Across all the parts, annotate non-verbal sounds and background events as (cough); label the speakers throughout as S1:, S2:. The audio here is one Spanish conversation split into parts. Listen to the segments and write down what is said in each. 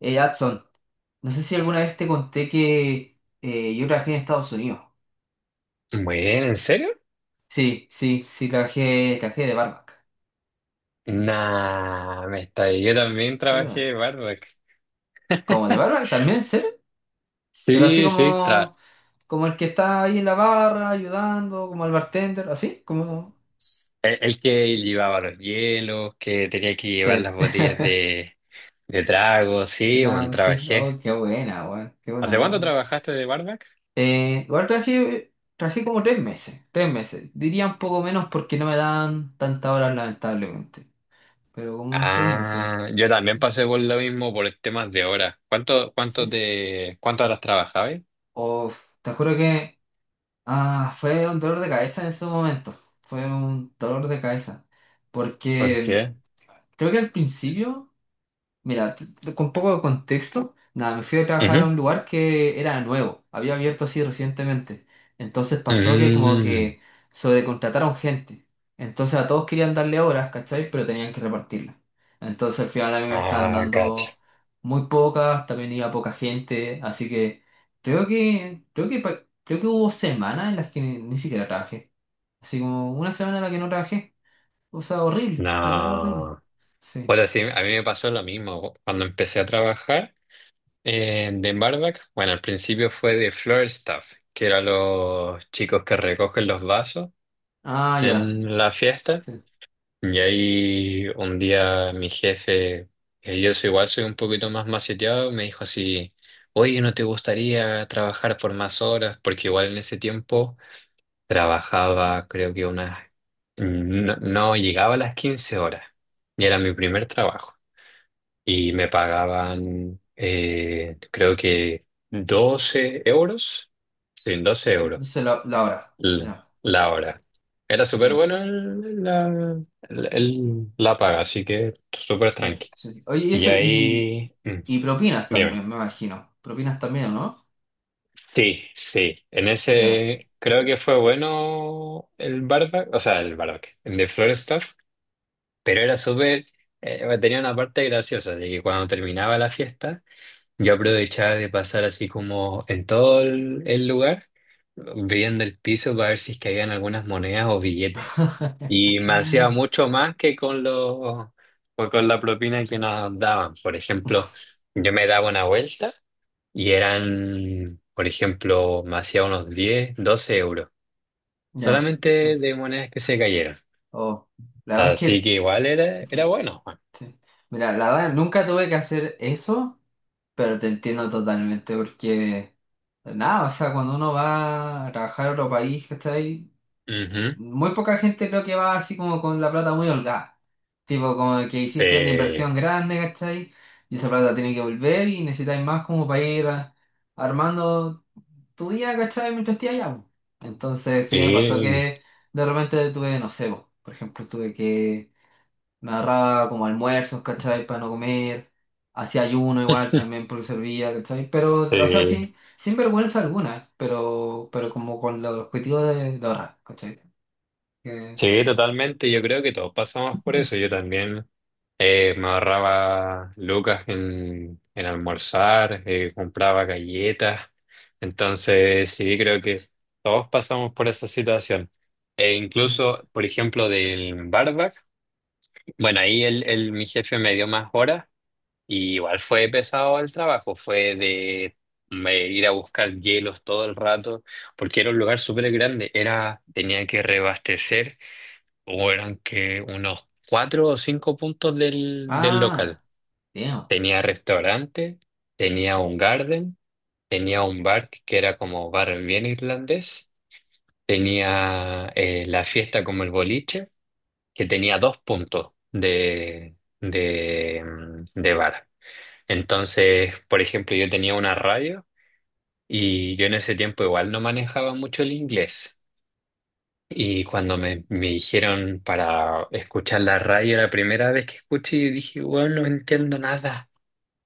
S1: Adson, no sé si alguna vez te conté que yo trabajé en Estados Unidos.
S2: Bueno, ¿en serio?
S1: Sí, sí, sí, trabajé de barback.
S2: Nah, me está ahí. Yo también
S1: Sí, bueno.
S2: trabajé barback.
S1: ¿Como de barback también, sí? Pero así
S2: Sí, sí,
S1: como el que está ahí en la barra ayudando, como el bartender, así, como.
S2: el que llevaba los hielos, que tenía que llevar
S1: Sí,
S2: las
S1: (laughs)
S2: botellas de trago,
S1: de
S2: sí, bueno,
S1: nada, sí.
S2: trabajé.
S1: Oh, qué buena, weón, qué buena.
S2: ¿Hace cuánto
S1: No.
S2: trabajaste de barback?
S1: Igual trabajé como tres meses, tres meses. Diría un poco menos porque no me dan tantas horas, lamentablemente. Pero como unos tres meses.
S2: Ah, yo también
S1: Sí.
S2: pasé por lo mismo por temas de horas. ¿Cuánto, cuánto
S1: Sí.
S2: te, cuántas horas trabajabas?
S1: Uf, te juro que fue un dolor de cabeza en ese momento. Fue un dolor de cabeza.
S2: ¿Por
S1: Porque
S2: qué?
S1: creo que al principio. Mira, con poco de contexto, nada, me fui a trabajar a
S2: Ujú.
S1: un lugar que era nuevo, había abierto así recientemente. Entonces pasó que como
S2: Mm.
S1: que sobrecontrataron gente. Entonces a todos querían darle horas, ¿cachai? Pero tenían que repartirlas. Entonces al final a mí me estaban
S2: Ah, cacha.
S1: dando muy pocas, también iba poca gente, así que creo que hubo semanas en las que ni siquiera trabajé. Así como una semana en la que no trabajé. O sea, horrible, literal horrible.
S2: No.
S1: Sí.
S2: Bueno, sí, a mí me pasó lo mismo cuando empecé a trabajar en de barback. Bueno, al principio fue de floor staff, que eran los chicos que recogen los vasos
S1: Ah, ya.
S2: en la fiesta.
S1: Sí.
S2: Y ahí un día mi jefe, que yo soy igual soy un poquito más maceteado, me dijo así, oye, ¿no te gustaría trabajar por más horas? Porque igual en ese tiempo trabajaba, creo que unas, no, no llegaba a las 15 horas. Y era mi primer trabajo y me pagaban, creo que 12 euros, sí, 12 euros
S1: Se la hora.
S2: l-
S1: Ya,
S2: la hora. Era súper
S1: ya,
S2: bueno la paga, así que súper
S1: ya.
S2: tranqui.
S1: Sí. Oye, y
S2: Y
S1: eso y,
S2: ahí,
S1: y propinas
S2: dime.
S1: también, me imagino. Propinas también, ¿no?
S2: Sí, sí, en
S1: Ya.
S2: ese creo que fue bueno el barback, o sea, el barback, el de Florestaff, pero era súper, tenía una parte graciosa de que cuando terminaba la fiesta, yo aprovechaba de pasar así como en todo el lugar, viendo el piso para ver si es que habían algunas monedas o billetes. Y me hacía
S1: (laughs)
S2: mucho más que con pues con la propina que nos daban. Por ejemplo, yo me daba una vuelta y eran, por ejemplo, me hacía unos 10 12 euros,
S1: Ya.
S2: solamente de monedas que se cayeron.
S1: Oh. La verdad es
S2: Así que
S1: que,
S2: igual era bueno.
S1: sí. Mira, la verdad nunca tuve que hacer eso, pero te entiendo totalmente porque, nada, o sea, cuando uno va a trabajar a otro país, ¿cachai?
S2: Ujú.
S1: Muy poca gente creo que va así como con la plata muy holgada. Tipo, como que hiciste una
S2: Sí,
S1: inversión grande, ¿cachai? Y esa plata tiene que volver y necesitáis más como para ir armando tu día, ¿cachai? Mientras estés allá, po. Entonces, sí me pasó
S2: sí,
S1: que de repente tuve, no sé, po, por ejemplo, tuve que me agarraba como almuerzos, ¿cachai? Para no comer. Hacía ayuno igual también
S2: (laughs)
S1: porque servía, ¿cachai? Pero, o sea,
S2: sí.
S1: sí, sin vergüenza alguna, pero como con el objetivo de ahorrar, ¿cachai?
S2: Sí, totalmente. Yo creo que todos pasamos por eso. Yo también me ahorraba lucas en almorzar, compraba galletas. Entonces, sí, creo que todos pasamos por esa situación. E
S1: Mm.
S2: incluso, por ejemplo, del barback, bueno, ahí mi jefe me dio más horas y igual fue pesado el trabajo. Fue de me ir a buscar hielos todo el rato, porque era un lugar súper grande. Era, tenía que reabastecer o eran que unos cuatro o cinco puntos del
S1: Ah,
S2: local.
S1: damn.
S2: Tenía restaurante, tenía un garden, tenía un bar que era como bar bien irlandés, tenía la fiesta como el boliche, que tenía dos puntos de bar. Entonces, por ejemplo, yo tenía una radio y yo en ese tiempo igual no manejaba mucho el inglés. Y cuando me dijeron para escuchar la radio la primera vez que escuché, dije, bueno, no entiendo nada,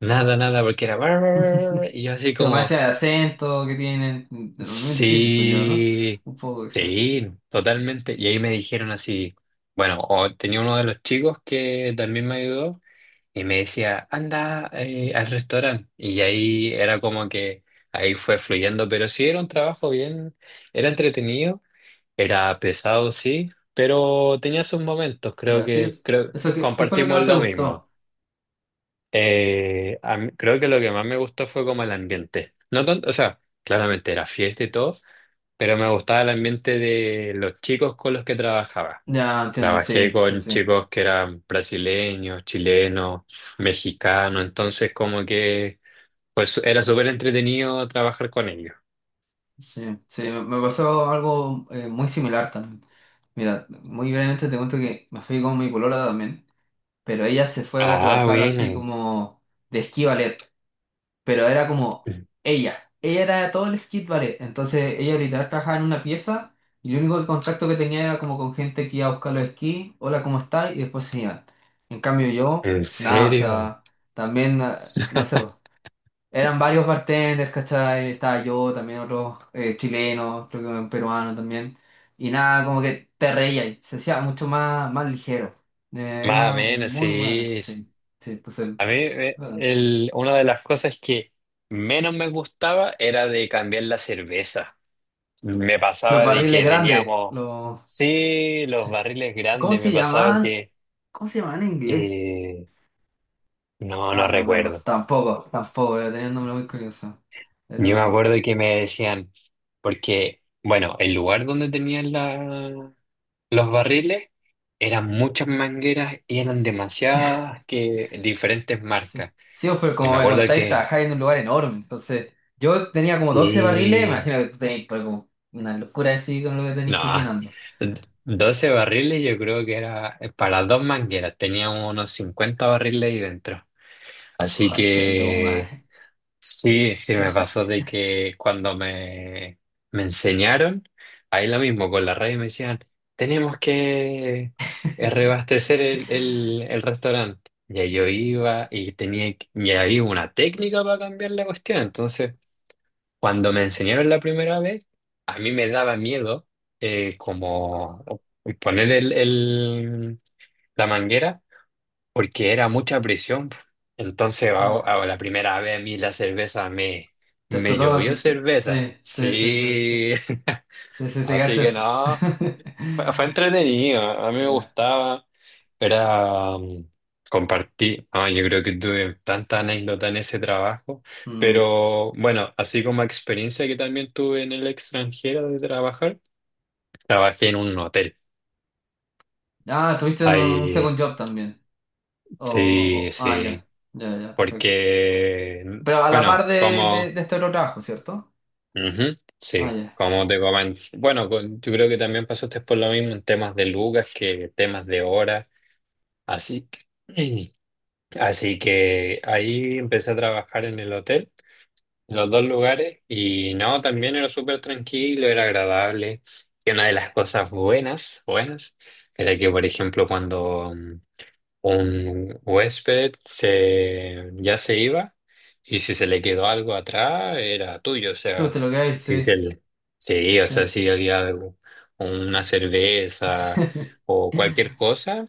S2: nada, nada, porque era, bar, bar, bar, bar, y yo así
S1: Pero más
S2: como,
S1: allá de acento que tienen, es difícil son yo, ¿no?
S2: sí,
S1: Un poco quizá.
S2: sí, totalmente. Y ahí me dijeron así, bueno, o tenía uno de los chicos que también me ayudó y me decía, anda al restaurante. Y ahí era como que ahí fue fluyendo, pero sí era un trabajo bien, era entretenido. Era pesado, sí, pero tenía sus momentos,
S1: Ya, sí, eso, eso ¿qué fue lo que
S2: compartimos
S1: más te
S2: lo mismo.
S1: gustó?
S2: Creo que lo que más me gustó fue como el ambiente. No tanto, o sea, claramente era fiesta y todo, pero me gustaba el ambiente de los chicos con los que trabajaba.
S1: Ya, entiendo,
S2: Trabajé
S1: sí, sí,
S2: con
S1: sí.
S2: chicos que eran brasileños, chilenos, mexicanos, entonces como que pues era súper entretenido trabajar con ellos.
S1: Sí, sí, me pasó algo muy similar también. Mira, muy brevemente te cuento que me fui con mi polola también, pero ella se fue a
S2: Ah,
S1: trabajar así
S2: bueno.
S1: como de esquí ballet. Pero era como ella. Ella era todo el skate ballet. Entonces ella literal trabajaba en una pieza y el único contacto que tenía era como con gente que iba a buscar los esquí, hola, ¿cómo estás? Y después se iban. En cambio yo,
S2: ¿En
S1: nada, o
S2: serio?
S1: sea, también, no sé,
S2: (laughs)
S1: po. Eran varios bartenders, ¿cachai? Estaba yo, también otros chilenos, creo que un peruano también. Y nada, como que te reía y se hacía mucho más ligero.
S2: Más o
S1: Era
S2: menos,
S1: muy buena,
S2: sí.
S1: sí. Sí, entonces,
S2: A mí
S1: bueno,
S2: una de las cosas que menos me gustaba era de cambiar la cerveza. Me
S1: los
S2: pasaba de
S1: barriles
S2: que
S1: grandes,
S2: teníamos,
S1: los,
S2: sí, los
S1: sí.
S2: barriles
S1: ¿Cómo
S2: grandes,
S1: se
S2: me pasaba
S1: llamaban?
S2: que,
S1: ¿Cómo se llamaban en inglés?
S2: eh, no, no
S1: Ah, no me acuerdo.
S2: recuerdo.
S1: Tampoco, tampoco, pero tenía un nombre muy curioso.
S2: Yo me
S1: Pero,
S2: acuerdo que me decían, porque, bueno, el lugar donde tenían los barriles eran muchas mangueras y eran demasiadas que diferentes
S1: sí.
S2: marcas.
S1: Sí, pues, pero
S2: Y me
S1: como me
S2: acuerdo
S1: contáis,
S2: que.
S1: trabajáis en un lugar enorme. Entonces, yo tenía como 12 barriles,
S2: Sí.
S1: imagino que tú tenéis pero como una locura así con lo que tenéis que ir
S2: No,
S1: llenando.
S2: 12 barriles yo creo que era para dos mangueras, teníamos unos 50 barriles ahí dentro. Así
S1: Joche, toma.
S2: que sí, sí me pasó
S1: (laughs)
S2: de que cuando me enseñaron, ahí lo mismo, con la radio me decían, tenemos que rebastecer el restaurante. Y ahí yo iba y tenía, y había una técnica para cambiar la cuestión, entonces. Cuando me enseñaron la primera vez, a mí me daba miedo como poner la manguera porque era mucha presión. Entonces, a,
S1: Ya.
S2: a la primera vez a mí la cerveza me,
S1: Te
S2: me
S1: explotó
S2: llovió
S1: así.
S2: cerveza.
S1: Sí, sí, sí, sí,
S2: Sí,
S1: sí. Sí,
S2: (laughs)
S1: sí, sí,
S2: así
S1: cacho
S2: que
S1: eso.
S2: no,
S1: (laughs)
S2: fue entretenido, a mí me
S1: Ya.
S2: gustaba. Era compartí, yo creo que tuve tanta anécdota en ese trabajo,
S1: Mm.
S2: pero bueno, así como experiencia que también tuve en el extranjero de trabajar, trabajé en un hotel.
S1: Ah, tuviste un second
S2: Ahí,
S1: job también.
S2: sí, sí,
S1: Ya, ya, ya, perfecto.
S2: porque,
S1: Pero a la par
S2: bueno,
S1: de, de,
S2: como,
S1: de este otro trabajo, ¿cierto?
S2: ujú,
S1: Ah,
S2: sí,
S1: ya.
S2: como te comenté, bueno, yo creo que también pasaste por lo mismo en temas de lucas que temas de horas, así que, (clears throat) así que ahí empecé a trabajar en el hotel. Los dos lugares y no, también era súper tranquilo, era agradable. Y una de las cosas buenas, buenas, era que, por ejemplo, cuando un huésped ya se iba y si se le quedó algo atrás, era tuyo, o
S1: Tú
S2: sea,
S1: te lo que
S2: si se
S1: sí,
S2: le- sí, o
S1: sí.
S2: sea, si había algo, una cerveza
S1: (laughs)
S2: o cualquier cosa,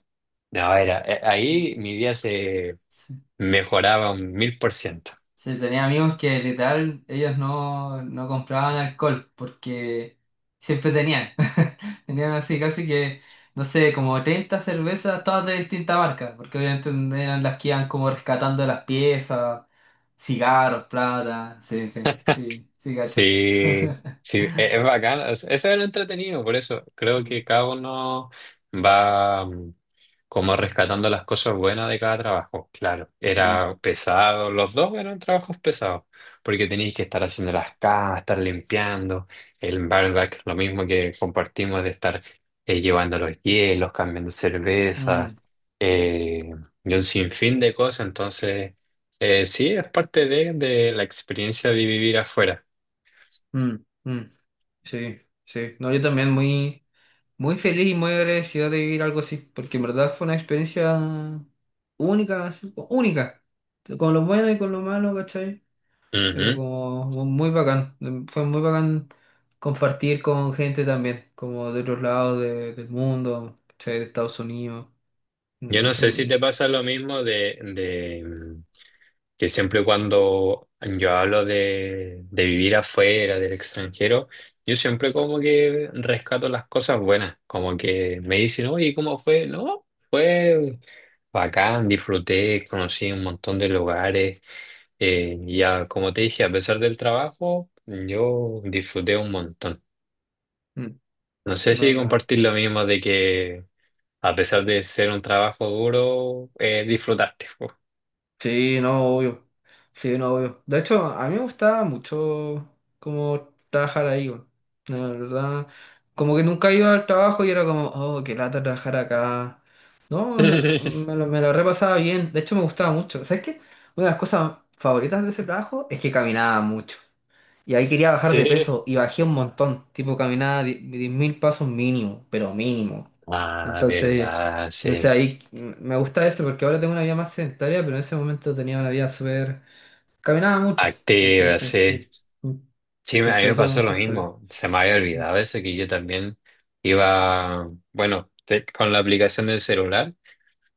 S2: no, ahí mi día se
S1: Sí.
S2: mejoraba 1000%.
S1: Sí, tenía amigos que literal ellos no compraban alcohol porque siempre tenían. (laughs) Tenían así casi que, no sé, como 30 cervezas, todas de distinta marca, porque obviamente eran las que iban como rescatando de las piezas, cigarros, plata, sí, sí, sí, sí, cacho.
S2: Sí,
S1: (laughs)
S2: sí, es bacán. Eso es lo entretenido, por eso creo
S1: Mm.
S2: que cada uno va como rescatando las cosas buenas de cada trabajo. Claro,
S1: Sí,
S2: era pesado, los dos eran trabajos pesados, porque tenéis que estar haciendo las camas, estar limpiando, el barback, lo mismo que compartimos de estar llevando los hielos, cambiando
S1: mm,
S2: cervezas, eh, y un sinfín de cosas. Entonces, sí, es parte de la experiencia de vivir afuera.
S1: mm, mm, sí, sí. No, yo también muy, muy feliz y muy agradecido de vivir algo así, porque en verdad fue una experiencia única, así, única, con lo bueno y con lo malo, ¿cachai?
S2: Ujú.
S1: Pero como muy bacán, fue muy bacán compartir con gente también, como de otros lados del mundo, ¿cachai? De Estados Unidos,
S2: Yo
S1: de
S2: no
S1: hecho,
S2: sé si te pasa lo mismo que siempre cuando yo hablo de vivir afuera, del extranjero, yo siempre como que rescato las cosas buenas, como que me dicen, oye, ¿cómo fue? No, fue bacán, disfruté, conocí un montón de lugares, ya como te dije, a pesar del trabajo, yo disfruté un montón.
S1: mm,
S2: No sé
S1: muy
S2: si
S1: bacán.
S2: compartir lo mismo de que a pesar de ser un trabajo duro, disfrutaste. Po.
S1: Sí, no, obvio. Sí, no, obvio. De hecho, a mí me gustaba mucho cómo trabajar ahí, weón. La verdad, como que nunca iba al trabajo y era como, oh, qué lata trabajar acá. No, me
S2: (laughs)
S1: lo, me lo repasaba bien. De hecho, me gustaba mucho. ¿Sabes qué? Una de las cosas favoritas de ese trabajo es que caminaba mucho. Y ahí quería bajar de
S2: Sí.
S1: peso y bajé un montón, tipo caminaba 10.000 pasos mínimo, pero mínimo.
S2: Ah,
S1: Entonces,
S2: verdad,
S1: no sé,
S2: sí.
S1: ahí me gusta eso porque ahora tengo una vida más sedentaria, pero en ese momento tenía una vida súper. Caminaba mucho,
S2: Activa,
S1: entonces,
S2: sí.
S1: sí. Mm.
S2: Sí, a
S1: Entonces,
S2: mí me
S1: eso es una
S2: pasó lo
S1: cosa por.
S2: mismo. Se me había olvidado eso, que yo también iba, bueno, con la aplicación del celular,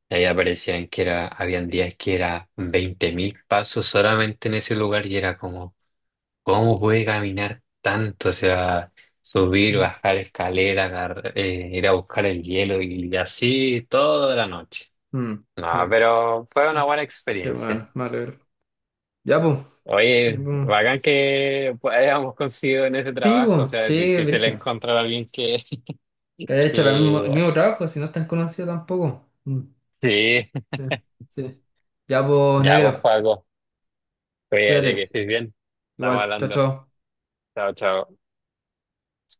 S2: y ahí aparecían que era, habían días que era 20.000 pasos solamente en ese lugar y era como. ¿Cómo puede caminar tanto? O sea, subir,
S1: Mm.
S2: bajar escalera, ir a buscar el hielo y así toda la noche.
S1: Mm, mm.
S2: No,
S1: Sí.
S2: pero fue
S1: Qué
S2: una
S1: bueno.
S2: buena
S1: Qué
S2: experiencia.
S1: bueno, me alegro. Ya, pues. Ya,
S2: Oye,
S1: pues.
S2: bacán que pues, hayamos conseguido en ese
S1: Sí,
S2: trabajo. O
S1: pues,
S2: sea,
S1: sí,
S2: es difícil
S1: Virgil.
S2: encontrar a alguien
S1: Que
S2: (laughs)
S1: haya hecho el
S2: que...
S1: mismo trabajo, si no es tan conocido tampoco. Mm,
S2: Sí,
S1: sí, sí. Ya, pues,
S2: ya vos,
S1: negro.
S2: Juaco. Cuídate que
S1: Cuídate.
S2: estés bien. Estamos
S1: Igual. Chao,
S2: hablando.
S1: chao.
S2: Chao, chao.